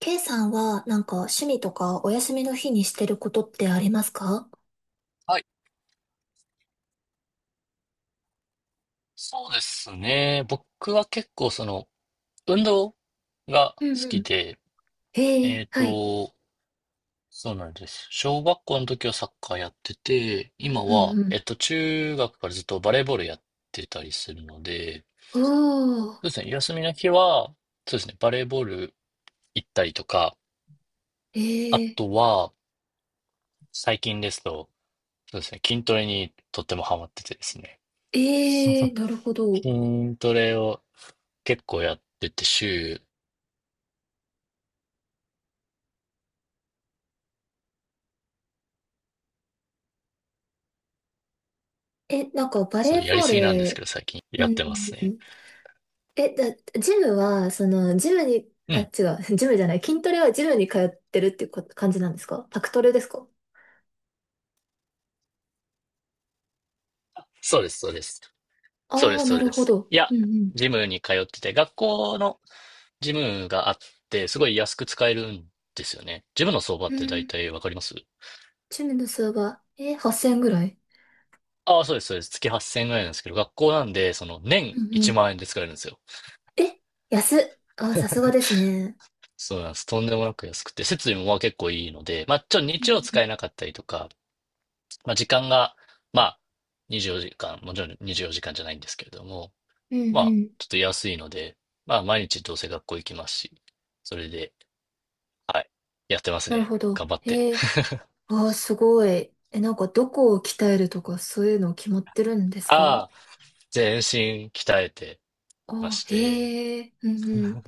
K さんは、なんか、趣味とか、お休みの日にしてることってありますか？はい、そうですね。僕は結構運動が好うんうきん。で、ええっえ、はい。と、そうなんです。小学校の時はサッカーやってて、今うは、んうん。中学からずっとバレーボールやってたりするので、おー、そうですね、休みの日は、そうですね、バレーボール行ったりとか、えあえ、とは、最近ですと、そうですね、筋トレにとってもハマっててですね。ええ、なるほど。筋トレを結構やってて週え、なんか、バそレう、ーやりボーすぎなんですけル。ど、最近うやってますね。ん。え、ジムは、その、ジムに、うあ、ん。違う、ジムじゃない、筋トレはジムに通ってるっていう感じなんですか？パクトレですか？そうです、そうです。そうでああす、ー、そなうるでほす。ど。いや、うんジムに通ってて、学校のジムがあって、すごい安く使えるんですよね。ジムの相場うっん。てう大ん。体わかります？ジムの数は、8,000ぐらい。ああ、そうです、そうです。月8000円ぐらいなんですけど、学校なんで、う年んう1ん。万円で使えるんですよ。え、安っ。あー、さすがですね。そうなんです。とんでもなく安くて、設備もまあ結構いいので、まあちょっとうん日曜う使えん。なかったりとか、まあ時間が、まあ24時間、もちろん24時間じかんじゃないんですけれども、うんまあ、うん。ちょっと安いので、まあ、毎日どうせ学校行きますし、それで、はい、やってますなるね。ほど。頑張って。へえ。ああ、すごい。え、なんかどこを鍛えるとかそういうの決まってるんですか？ああ、全身鍛えてあましあ、て、へえ。うんうん。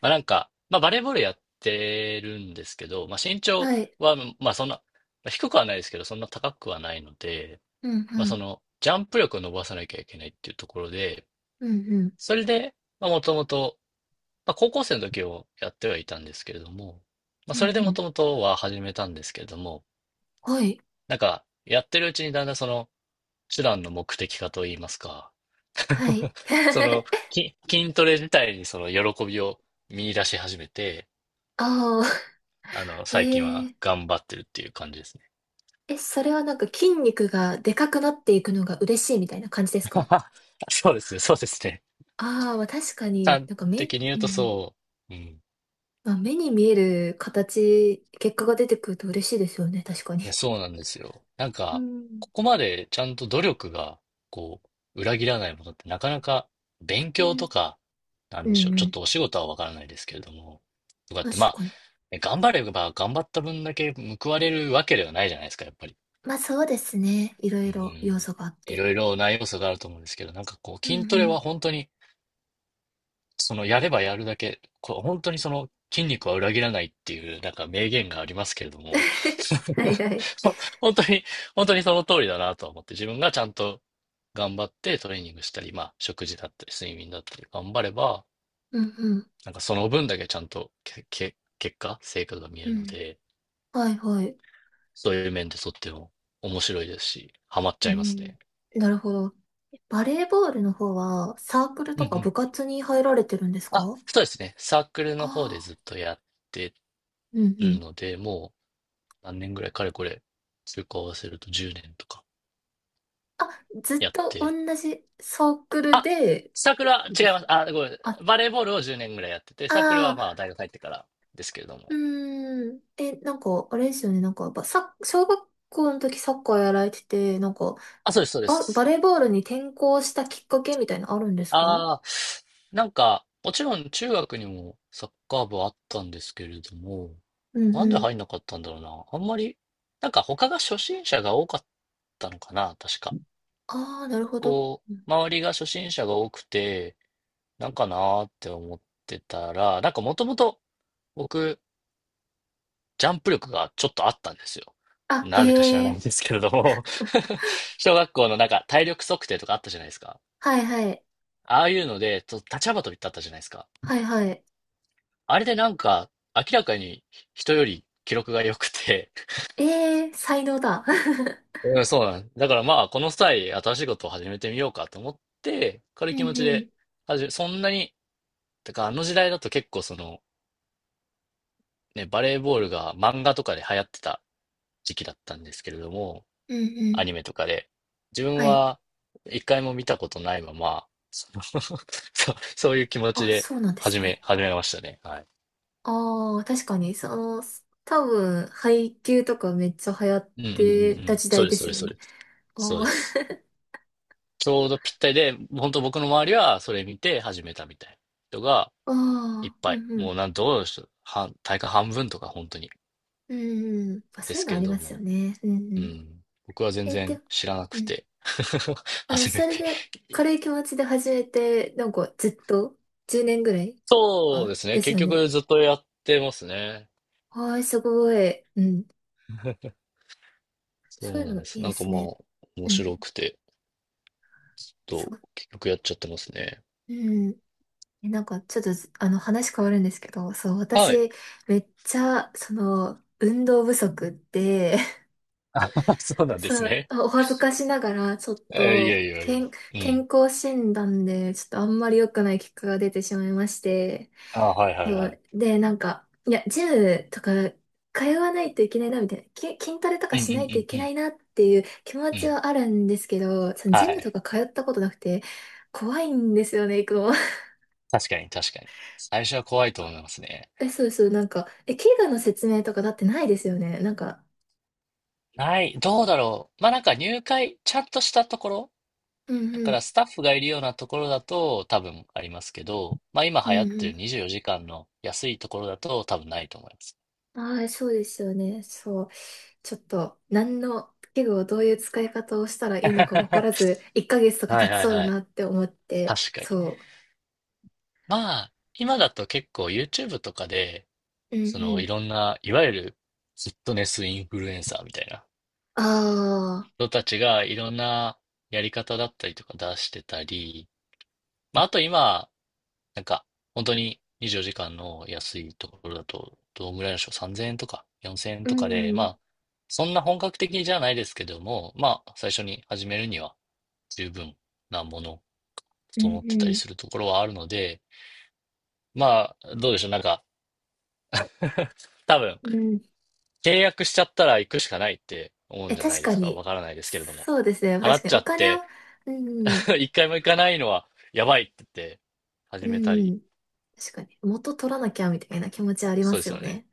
まあなんか、まあバレーボールやってるんですけど、まあ身長はい。は、まあそんな、まあ低くはないですけど、そんな高くはないので、うんまあうん。ジャンプ力を伸ばさなきゃいけないっていうところで、うんうん。それで、まあもともと、まあ高校生の時をやってはいたんですけれども、まあうそんれでうもん。ともとは始めたんですけれども、はい。なんか、やってるうちにだんだん手段の目的化といいますか、は い。その、筋トレ自体に喜びを見出し始めて、ああ、最近へはえ。頑張ってるっていう感じですね。え、それはなんか筋肉がでかくなっていくのが嬉しいみたいな感じですか？ そうですね、そうですね。ああ、まあ確かに端なんか目、的に言ううとん。そう。うん。まあ目に見える形、結果が出てくると嬉しいですよね、確かに。いや、そうなんですよ。なんうか、ん。ここまでちゃんと努力が、こう、裏切らないものってなかなか勉う強んとか、なんうでしょんう。うちょっん。とお仕事はわからないですけれども、とかって、ま確あ、かに。ね頑張れば頑張った分だけ報われるわけではないじゃないですか、やっぱり。まあそうですね。いろいうろ要ん。素があっいて。ろいろな要素があると思うんですけど、なんかこう、うん筋トうレはん。本当に、やればやるだけ、こう、本当に筋肉は裏切らないっていう、なんか名言がありますけれども、はい はい。ほ本当に、本当にその通りだなと思って、自分がちゃんと頑張ってトレーニングしたり、まあ、食事だったり、睡眠だったり、頑張れば、うんうん。なんかその分だけちゃんと結果、成果が見えうるのん。で、はいはい。そういう面でとっても面白いですし、ハマっちゃういますん。ね。なるほど。バレーボールの方はサークルうんうとかん。部活に入られてるんですあ、か？そうですね。サークルの方であずあっとやってー。うんうるん。ので、もう何年ぐらい、かれこれ、中高合わせると10年とかあ、ずっやっとて、同じサークルで、サークルは違でいすまね。す。あ、ごめん。あ、あバレーボールを10年ぐらいやってて、サークルはまああ、大学入ってからですけれどうも。ーん。え、なんか、あれですよね。なんか、小学校の時サッカーやられてて、なんか、あ、そうです、そうでバす。レーボールに転向したきっかけみたいなのあるんですか？うああ、なんか、もちろん中学にもサッカー部はあったんですけれども、んうなんでん。入んなかったんだろうな。あんまり、なんか他が初心者が多かったのかな、確か。ああ、なるほど。こう、周りが初心者が多くて、なんかなーって思ってたら、なんかもともと僕、ジャンプ力がちょっとあったんですよ。あ、へなぜか知らないんえ。ですけれども 小学校のなんか体力測定とかあったじゃないですか。はいはい。ああいうので、立ち幅跳びってあったじゃないですか。はいはい。あれでなんか明らかに人より記録が良くて。ええ、才能だ。うん、そうなんです。だからまあこの際新しいことを始めてみようかと思って、軽ういん気持ちうでん。始め、そんなに、だからあの時代だと結構そのね、バレーボールが漫画とかで流行ってた時期だったんですけれども、うんうアニん。メとかで。自分はい。は一回も見たことないまま、その そういう気持ちあ、でそうなんですね。始めましたね。はい。ああ、確かに、その、多分、配給とかめっちゃ流行っうんうんうてんうたん。時そ代うでです、そうすでよす、そうね。です。あそうー です。ちょうどぴったりで、本当僕の周りはそれ見て始めたみたいな人が いっあー、ぱうい。んうもうん。どうでしょう。大会半分とか本当に。うんうん。まあ、でそういすうのけあれりどますよも。ね。うんううん。ん。僕は全え、然で、知らなくうん。て。あの、初めそれて。で、軽い気持ちで始めて、なんかずっと、10年ぐらいそうかですね。です結よね。局ずっとやってますね。はい、すごい。うん。そそういうなうんのでいす。いなでんかすまあ、ね。面うん。白くて、そう。結局やっちゃってますね。うん。え、なんか、ちょっとあの、話変わるんですけど、そう、はい。私、めっちゃ、その、運動不足で、あ、そうなんですそう、ね。お恥ずかしながら、ちょっいやと、いやいや。う健ん。康診断で、ちょっとあんまり良くない結果が出てしまいまして、あ、はいはそいはい。うで、なんか、いや、ジムとか通わないといけないな、みたいな、筋トレとうかんうんうしないといんうけなん。いなっていう気持うちん。はあるんですけど、そのはジムとい。か通ったことなくて、怖いんですよね、行くの。確かに確かに。最初は怖いと思いますね。え、そうそう、なんか、え、怪我の説明とかだってないですよね。なんか、ない。どうだろう。まあなんか入会、ちゃんとしたところ。うんだかうらん、スタッフがいるようなところだと多分ありますけど、まあ今う流行っんてうるん。24時間の安いところだと多分ないと思います。ああ、そうですよね。そう。ちょっと、何の器具をどういう使い方をしたら いはいいのか分からず、1ヶ月とかは経いちそうだはい。なって思って、確かに。そまあ、今だと結構 YouTube とかで、う。うんそのういん。ろんな、いわゆるフィットネスインフルエンサーみたいなああ、人たちがいろんなやり方だったりとか出してたり、まあ、あと今、なんか本当に24時間の安いところだと、どんぐらいのでしょう、3000円とか4000円うん、とかで、うまんあ、そんな本格的じゃないですけども、まあ、最初に始めるには十分なもの、う整ってたりん、するところはあるので、まあ、どうでしょう、なんか、多分、うん。契約しちゃったら行くしかないって思うんえ、じゃな確いでかすか。わに、からないですけれども。そうですね。払確っかに、ちゃおっ金を、て、うん、一回も行かないのはやばいって言って、う始めたり。ん、確かに、元取らなきゃみたいな気持ちありまそうですすよよね。ね。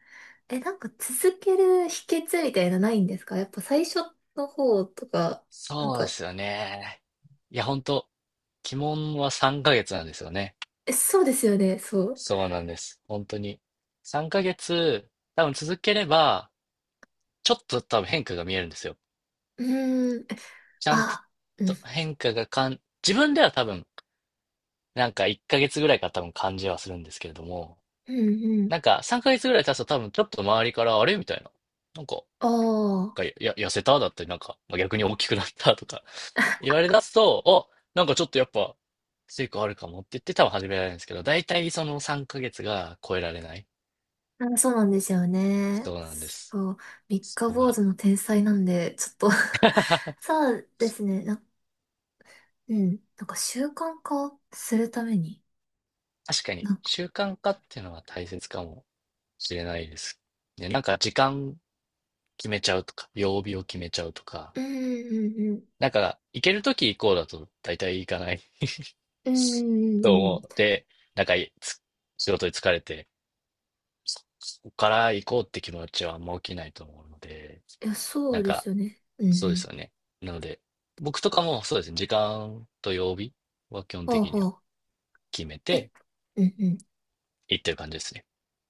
え、なんか続ける秘訣みたいなないんですか？やっぱ最初の方とか、なんそうでか、すよね。いや、本当鬼門は3ヶ月なんですよね。え、そうですよね、そう。そうなんです。本当に。3ヶ月、多分続ければ、ちょっと多分変化が見えるんですよ。うーん。ちゃんとあ、うん、と変化が自分では多分、なんか1ヶ月ぐらいから多分感じはするんですけれども、うん、うん。なんか、3ヶ月ぐらい経つと多分ちょっと周りから、あれみたいな。なんか、おー。痩せただったり、なんか、まあ逆に大きくなったとか 言われ出すと、あ、なんかちょっとやっぱ、成果あるかもって言って多分始められるんですけど、大体その3ヶ月が超えられない。あ、そうなんですよね。そうなんです。そう。三そ日こ坊主が。の天才なんで、ちょっと 確 そうですね。うん。なんか習慣化するために、かに、なんか、習慣化っていうのは大切かもしれないです。ね、なんか時間決めちゃうとか、曜日を決めちゃうとか、うんうんうん。なんか、行けるとき行こうだと大体行かないうんうとんうん。い思って、なんかつ仕事に疲れて、ここから行こうって気持ちはあんま起きないと思うので、や、そなうんでか、すよね。うんうそうですん。よね。なので、僕とかもそうですね、時間と曜日は基本ほう的にほはう。決めえ、てうんうん。行ってる感じですね。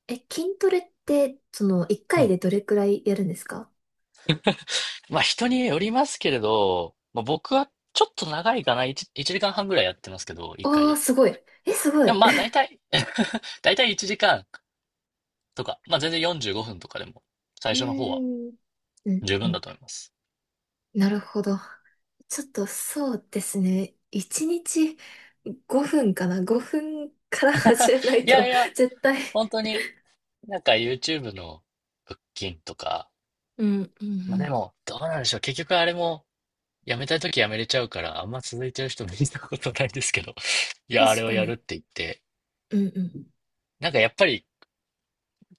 え、筋トレって、その、一う回ん。でどれくらいやるんですか？まあ人によりますけれど、まあ、僕はちょっと長いかな、1、一時間半ぐらいやってますけど、1回ああー、で。すごい。え、すごい。で もうまあ大体 大体1時間とか、まあ全然45分とかでも、最ー初の方はん。うん十う分ん。だと思います。なるほど。ちょっとそうですね。1日5分かな。5分から始めないいやと いや、絶対。本当になんか YouTube の腹筋とか、うん、うん、うまあでん。も、どうなんでしょう。結局あれも、やめたいときやめれちゃうから、あんま続いてる人見たことないですけど、いや、あ確れをかやるっに。て言って、うん、うん。なんかやっぱり、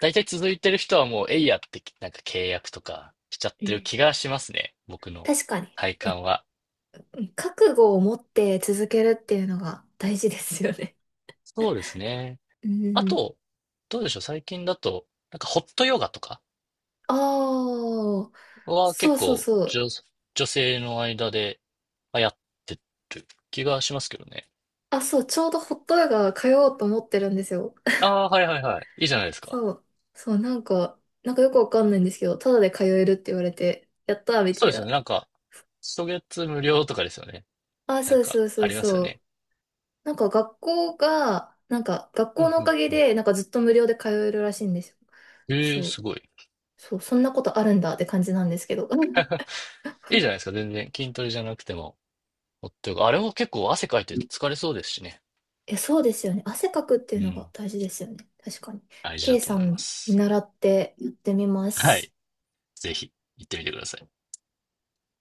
大体続いてる人はもう、えいやって、なんか契約とかしちゃってるえ気がしますね。僕の確かに。体感は。覚悟を持って続けるっていうのが大事ですよね。そうですね。うあん。と、どうでしょう。最近だと、なんかホットヨガとかああ、はそ結うそう構そう。女性の間で流行ってる気がしますけどね。あ、そう、ちょうどホットヨガ通おうと思ってるんですよ。ああ、はいはいはい。いいじゃないですか。そう、そう、なんか、なんかよくわかんないんですけど、ただで通えるって言われて、やったーみそたういですよね。な。なんか、初月無料とかですよね。あ、なんそうか、そうそあうりますよそう。ね。なんか学校が、なんか学う校んのうおかんげうん。で、なんかずっと無料で通えるらしいんですよ。ええそう、すごい。そう、そんなことあるんだって感じなんですけど。いいじゃないですか。全然筋トレじゃなくても。ほっとよくあれも結構汗かいて疲れそうですしね。え、そうですよね。汗かくっていううのがん。大事ですよね。確かに。大事だ K とさ思いまん見す。習ってやってみまはす。い。ぜひ、行ってみてください。